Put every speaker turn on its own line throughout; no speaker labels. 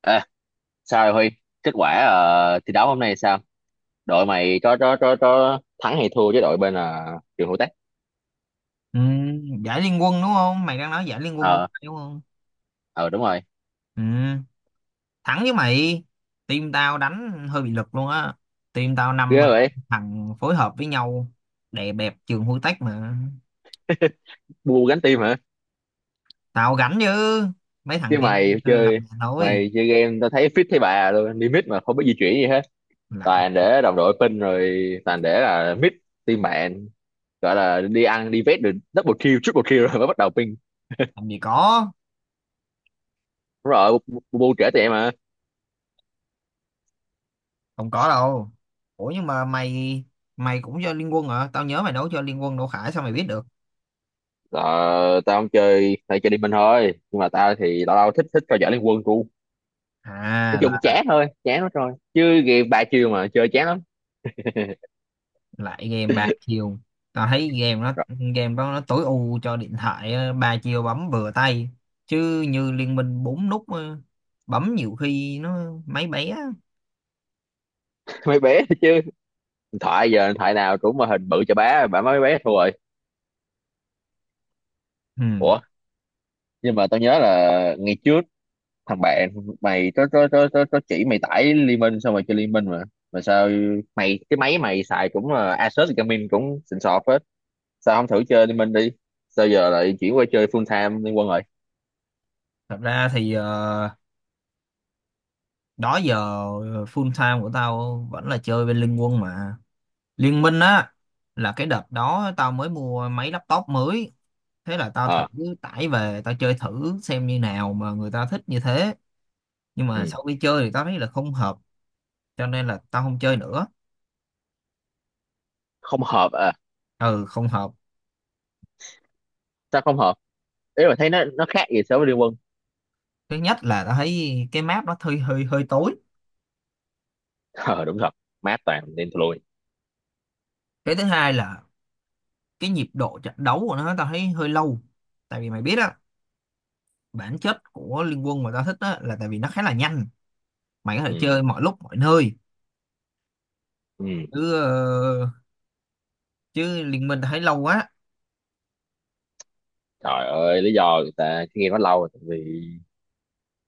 Ê, sao rồi Huy? Kết quả thi đấu hôm nay sao? Đội mày có thắng hay thua với đội bên trường Hữu Tách?
Ừ, giải liên quân đúng không? Mày đang nói giải liên quân mobile
Ờ,
đúng không?
ờ, đúng rồi.
Ừ, thắng với mày. Team tao đánh hơi bị lực luôn á. Team tao năm
Ghê vậy.
thằng phối hợp với nhau đẹp đẹp trường hôi tách mà.
Bu gánh tim hả?
Tao gánh chứ. Mấy thằng
Chứ
kia
mày
làm
chơi
nhà thôi.
Mày chơi game tao thấy fit thấy bà luôn, đi mid mà không biết di chuyển gì hết.
Lại
Toàn để đồng đội pin rồi, toàn để là mid team bạn, gọi là đi ăn đi vét được double kill, triple kill rồi mới bắt đầu ping.
làm gì có,
Đúng rồi, Bu Bu bu trễ tụi em mà.
không có đâu. Ủa nhưng mà mày mày cũng cho liên quân hả? Tao nhớ mày đấu cho liên quân Đỗ Khải sao mày biết được?
Ờ, tao không chơi, tao chơi đi mình thôi. Nhưng mà tao thì tao tao thích thích coi giải Liên Quân của, nói chung
À
chán thôi, chán lắm rồi, chứ game ba chiều mà chơi chán lắm.
lại game ba chiều, tao thấy
Rồi,
game đó nó tối ưu cho điện thoại á, ba chiều bấm vừa tay, chứ như Liên Minh bốn nút á, bấm nhiều khi nó máy bé á.
mấy bé chứ, điện thoại giờ điện thoại nào cũng mà hình bự cho bá bả mấy bé thua rồi.
Ừ.
Ủa nhưng mà tao nhớ là ngày trước thằng bạn mày có chỉ mày tải Liên Minh xong rồi chơi Liên Minh mà sao mày, cái máy mày xài cũng là Asus Gaming cũng xịn sọt hết, sao không thử chơi Liên Minh đi, sao giờ lại chuyển qua chơi full time Liên Quân rồi?
Thật ra thì đó giờ full time của tao vẫn là chơi bên Liên Quân mà. Liên Minh á là cái đợt đó tao mới mua máy laptop mới, thế là tao thử
Ờ.
tải về tao chơi thử xem như nào mà người ta thích như thế, nhưng mà
Ừ.
sau khi chơi thì tao thấy là không hợp, cho nên là tao không chơi nữa.
Không hợp à?
Ừ không hợp.
Sao không hợp? Ý mà thấy nó khác gì so với Liên Quân?
Thứ nhất là tao thấy cái map nó hơi hơi hơi tối.
Ờ đúng thật, mát toàn nên thôi.
Cái thứ hai là cái nhịp độ trận đấu của nó tao thấy hơi lâu. Tại vì mày biết á, bản chất của Liên Quân mà tao thích á là tại vì nó khá là nhanh, mày có thể
Ừ.
chơi mọi lúc mọi nơi,
Ừ.
chứ ờ, chứ Liên Minh tao thấy lâu quá.
Trời ơi, lý do người ta cứ game quá lâu rồi tại vì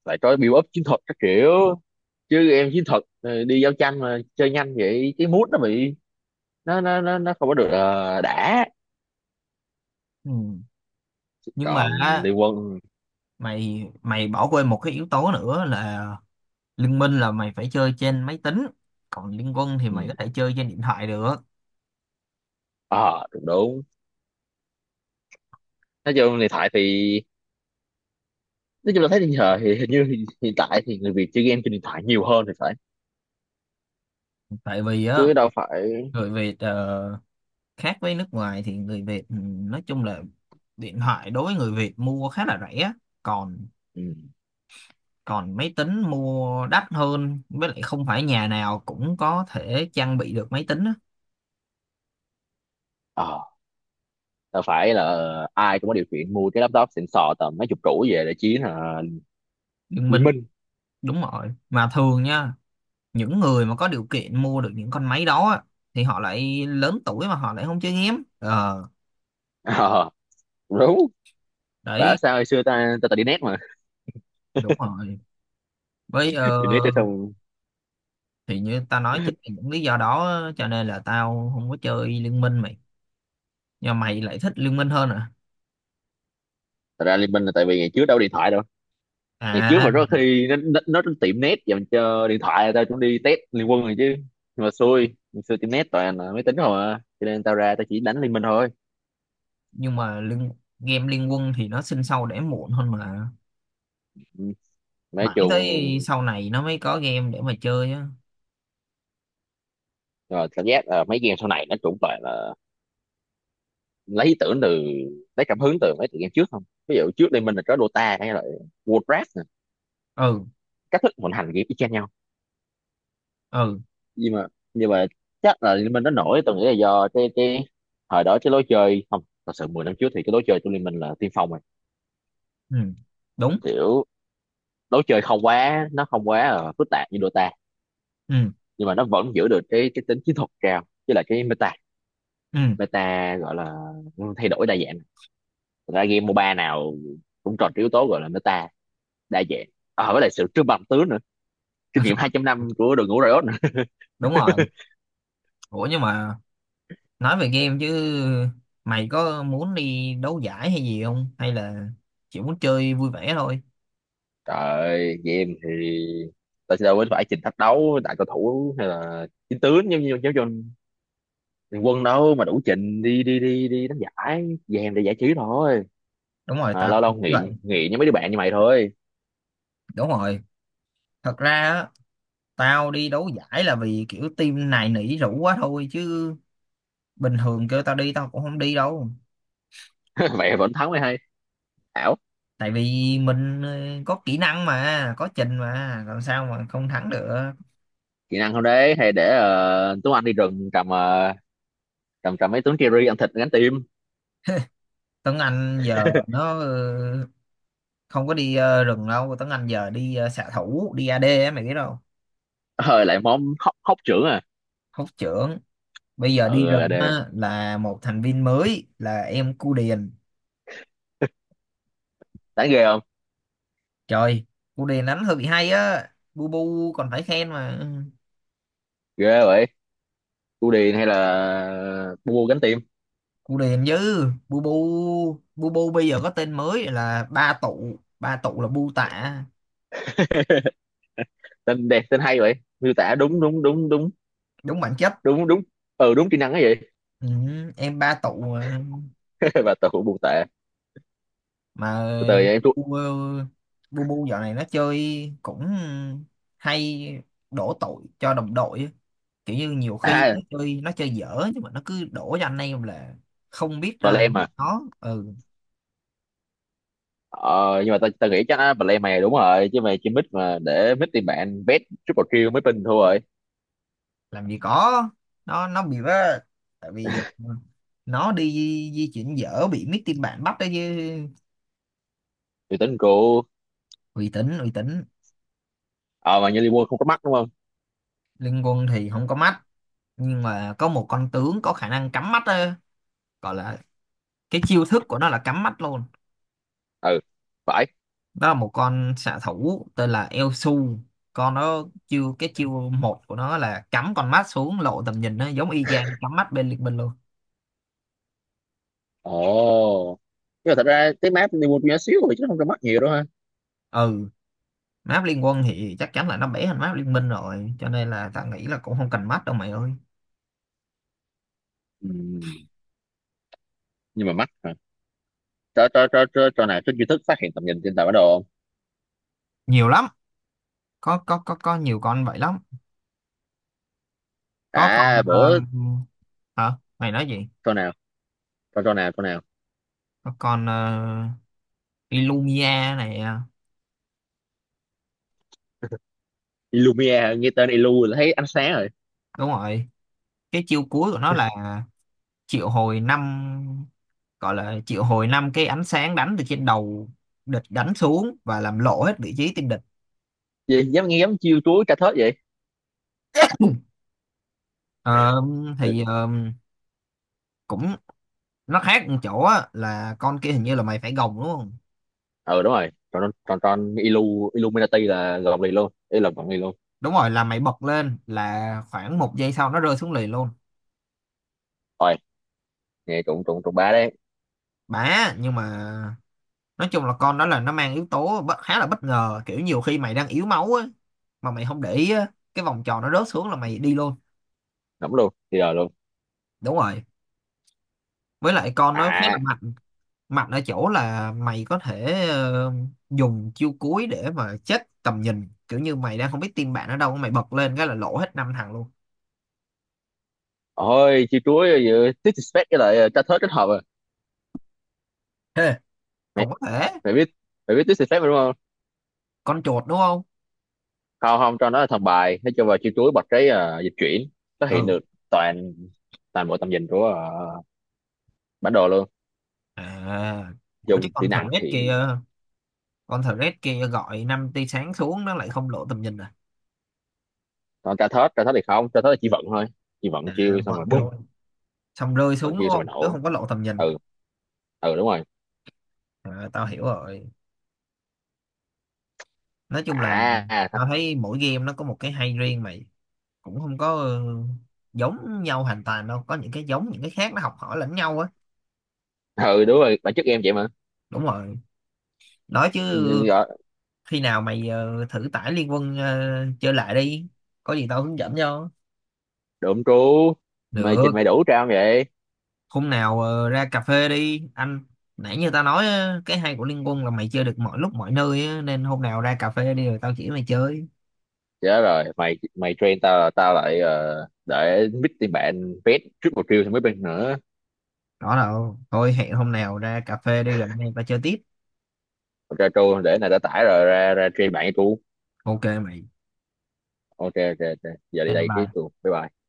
phải có build up chiến thuật các kiểu, chứ em chiến thuật đi giao tranh mà chơi nhanh vậy cái mood nó bị, nó không có được đã.
Ừ. Nhưng mà
Còn
á,
liên quân.
mày mày bỏ quên một cái yếu tố nữa là Liên Minh là mày phải chơi trên máy tính, còn Liên Quân thì
Ừ.
mày có thể chơi trên điện thoại được.
Ờ đúng đúng, nói chung điện thoại thì, nói chung là thấy hiện giờ thì hình như hiện hiện tại thì người Việt chơi game trên điện thoại nhiều hơn thì phải,
Tại vì á
chứ đâu phải.
Bởi vì khác với nước ngoài thì người Việt nói chung là điện thoại đối với người Việt mua khá là rẻ, còn
Ừ.
còn máy tính mua đắt hơn, với lại không phải nhà nào cũng có thể trang bị được máy tính á.
Ờ, đâu phải là ai cũng có điều kiện mua cái laptop xịn sò tầm mấy chục củ về để chiến
Đừng
liên
minh
minh.
đúng rồi, mà thường nha những người mà có điều kiện mua được những con máy đó á, thì họ lại lớn tuổi mà họ lại không chơi game ờ
Ờ đúng. Bảo
Đấy
sao hồi xưa ta ta, ta đi net mà.
đúng rồi với,
Đi net cho xong.
thì như ta nói chính vì những lý do đó cho nên là tao không có chơi Liên Minh mày. Nhưng mà mày lại thích Liên Minh hơn à?
Thật ra Liên Minh là tại vì ngày trước đâu có điện thoại đâu, ngày trước mà
À
rất khi nó, nó tiệm net dành cho điện thoại tao cũng đi test Liên Quân rồi chứ, nhưng mà xui ngày xưa tiệm net toàn là máy tính không à, cho nên tao ra tao chỉ đánh Liên Minh thôi.
nhưng mà game Liên Quân thì nó sinh sau đẻ muộn hơn mà,
Ừ. Nói
mãi tới
chung,
sau này nó mới có game để mà chơi á.
rồi cảm giác là mấy game sau này nó cũng toàn là lấy ý tưởng từ, lấy cảm hứng từ mấy tựa game trước không, ví dụ trước Liên Minh là có Dota hay là Warcraft nè,
Ừ.
cách thức vận hành game y chang nhau.
Ừ.
Nhưng mà nhưng mà chắc là Liên Minh nó nổi, tôi nghĩ là do cái thời đó cái lối chơi không thật sự, 10 năm trước thì cái lối chơi của Liên Minh là tiên phong rồi,
Ừ, đúng.
kiểu lối chơi không quá, nó không quá là phức tạp như Dota,
Ừ.
nhưng mà nó vẫn giữ được cái tính chiến thuật cao với lại cái meta,
Ừ,
meta gọi là thay đổi đa dạng. Thật ra game MOBA nào cũng tròn cái yếu tố gọi là meta đa dạng, à, với lại sự trưng bằng tướng nữa, kinh nghiệm 200 năm của đội ngũ Riot nữa.
đúng rồi. Ủa nhưng mà nói về game chứ, mày có muốn đi đấu giải hay gì không, hay là chỉ muốn chơi vui vẻ thôi?
Trời, game thì tao sẽ đâu có phải trình thách đấu đại cầu thủ hay là chiến tướng giống như giống cho thằng quân đâu mà đủ trình đi đi đi đi đánh giải, game để giải trí thôi,
Đúng rồi
mà
tao
lâu
cũng
lâu
nghĩ vậy.
nghỉ nghỉ với mấy đứa bạn như mày thôi.
Đúng rồi, thật ra á, tao đi đấu giải là vì kiểu team này nỉ rủ quá thôi, chứ bình thường kêu tao đi tao cũng không đi đâu.
Mày vẫn thắng mày hay ảo.
Tại vì mình có kỹ năng mà có trình mà làm sao mà không thắng được.
Kỹ năng không đấy hay để Tuấn Anh đi rừng cầm cầm trầm mấy tướng Kerry ăn thịt gánh tim.
Tuấn Anh giờ nó không có đi rừng đâu. Tuấn Anh giờ đi xạ thủ đi AD á mày biết đâu.
Ờ lại món hóc hóc trưởng à?
Hốt trưởng bây giờ đi
Ừ
rừng
đề,
á, là một thành viên mới là em Cu Điền.
đáng ghê không?
Trời, Cu Điền đánh hơi bị hay á, Bu Bu còn phải khen mà.
Ghê vậy. Cu Điền hay là mua gánh tim.
Cu Điền chứ Bu Bu bây giờ có tên mới là ba tụ, ba tụ là Bu Tạ.
Tên đẹp tên hay vậy, miêu tả đúng
Đúng bản chất.
đúng đúng ừ đúng kỹ năng ấy vậy.
Ừ, em ba tụ mà.
Và tao cũng buồn tệ,
Mà
từ từ em thua.
bu ờ, bu bu dạo này nó chơi cũng hay đổ tội cho đồng đội á. Kiểu như nhiều khi
À,
nó chơi dở nhưng mà nó cứ đổ cho anh em là không biết
và lem
biết
mà,
nó ừ.
ờ, nhưng mà tao tao nghĩ chắc á, và lem mày đúng rồi chứ mày chỉ mid mà để mid tìm bạn bet triple kill mới pin thôi rồi.
Làm gì có, nó bị vớ. Tại vì nó đi di chuyển dở bị mấy team bạn bắt đó chứ.
Thì tính của.
Uy tín uy tín.
Ờ mà như Liverpool không có mắt đúng không?
Liên quân thì không có mắt nhưng mà có một con tướng có khả năng cắm mắt á, gọi là cái chiêu thức của nó là cắm mắt luôn.
Ừ phải.
Đó là một con xạ thủ tên là Eo. Con nó chiêu cái chiêu một của nó là cắm con mắt xuống lộ tầm nhìn, nó giống y chang cắm mắt bên liên minh luôn.
Ồ, nhưng mà thật ra cái map Liverpool nhỏ xíu rồi chứ không có mắt nhiều đâu ha.
Ừ. Map liên quân thì chắc chắn là nó bẻ hơn map liên minh rồi, cho nên là ta nghĩ là cũng không cần mắt đâu mày ơi.
Ừ. Nhưng mà mắt hả? Cho nào trên YouTube phát hiện tầm nhìn trên tàu bản đồ không?
Nhiều lắm. Có nhiều con vậy lắm. Có con
À bữa,
hả mày nói gì?
cho nào, cho nào.
Có con Illumia này à?
Illumia, nghe tên Illu là thấy ánh sáng rồi.
Đúng rồi, cái chiêu cuối của nó là triệu hồi năm, gọi là triệu hồi năm cái ánh sáng đánh từ trên đầu địch đánh xuống và làm lộ hết vị trí tên địch.
Gì dám nghe dám chiêu chuối tra thớt vậy?
Ờ, thì cũng nó khác một chỗ á, là con kia hình như là mày phải gồng đúng không?
Ừ đúng rồi, tròn tròn tròn Illu, Illuminati là gọn liền luôn, ý là gọn liền luôn.
Đúng rồi, là mày bật lên là khoảng 1 giây sau nó rơi xuống liền luôn.
Rồi, nghe trụng trụng trụng ba đấy.
Bả nhưng mà nói chung là con đó là nó mang yếu tố khá là bất ngờ, kiểu nhiều khi mày đang yếu máu á mà mày không để ý á, cái vòng tròn nó rớt xuống là mày đi luôn.
Nắm luôn thì rồi luôn.
Đúng rồi, với lại con nó khá là
À,
mạnh. Mạnh ở chỗ là mày có thể dùng chiêu cuối để mà chết tầm nhìn, kiểu như mày đang không biết team bạn ở đâu mày bật lên cái là lỗ hết năm thằng luôn.
ôi chiêu chuối giữa disrespect với lại tra thớt kết hợp à?
Hê,
mày
cũng có thể.
mày biết mày biết disrespect mà đúng không?
Con chuột đúng không?
Không không, cho nó là thằng bài nó cho vào chiêu chuối bật cái dịch chuyển, nó hiện
Ừ.
được toàn toàn bộ tầm nhìn của bản đồ luôn.
À ủa chứ
Dùng kỹ năng
kia
thì,
con thờ kia gọi năm tia sáng xuống nó lại không lộ tầm nhìn à?
còn tra thớt, tra thớt thì không, tra thớt là chỉ vận thôi, chỉ vận
À
chiêu xong rồi
vận
bùm.
thôi, xong rơi
Còn
xuống đúng
chiêu xong rồi
không, chứ
nổ.
không có lộ tầm nhìn.
Ừ. Ừ đúng rồi.
À, tao hiểu rồi. Nói chung là
À thật,
tao thấy mỗi game nó có một cái hay riêng mày, cũng không có giống nhau hoàn toàn đâu, có những cái giống những cái khác nó học hỏi lẫn nhau á.
ừ đúng rồi bản chất em vậy mà.
Đúng rồi. Nói chứ
Nên gọi
khi nào mày thử tải Liên Quân chơi lại đi, có gì tao hướng dẫn cho.
độm trú, mày trình
Được,
mày đủ trao không vậy?
hôm nào ra cà phê đi anh. Nãy như tao nói á, cái hay của Liên Quân là mày chơi được mọi lúc mọi nơi á, nên hôm nào ra cà phê đi rồi tao chỉ mày chơi.
Chết rồi, mày mày train tao là tao lại để mít tiền bạn pet triple kill thì mới bên nữa.
Đó đâu thôi, hẹn hôm nào ra cà phê đi rồi anh em tao chơi tiếp.
Còn tra tru để này đã tải rồi ra ra train bạn với tru.
Ok mày.
Ok ok ok giờ đi
Ok,
đây cái
bye.
tru, bye bye.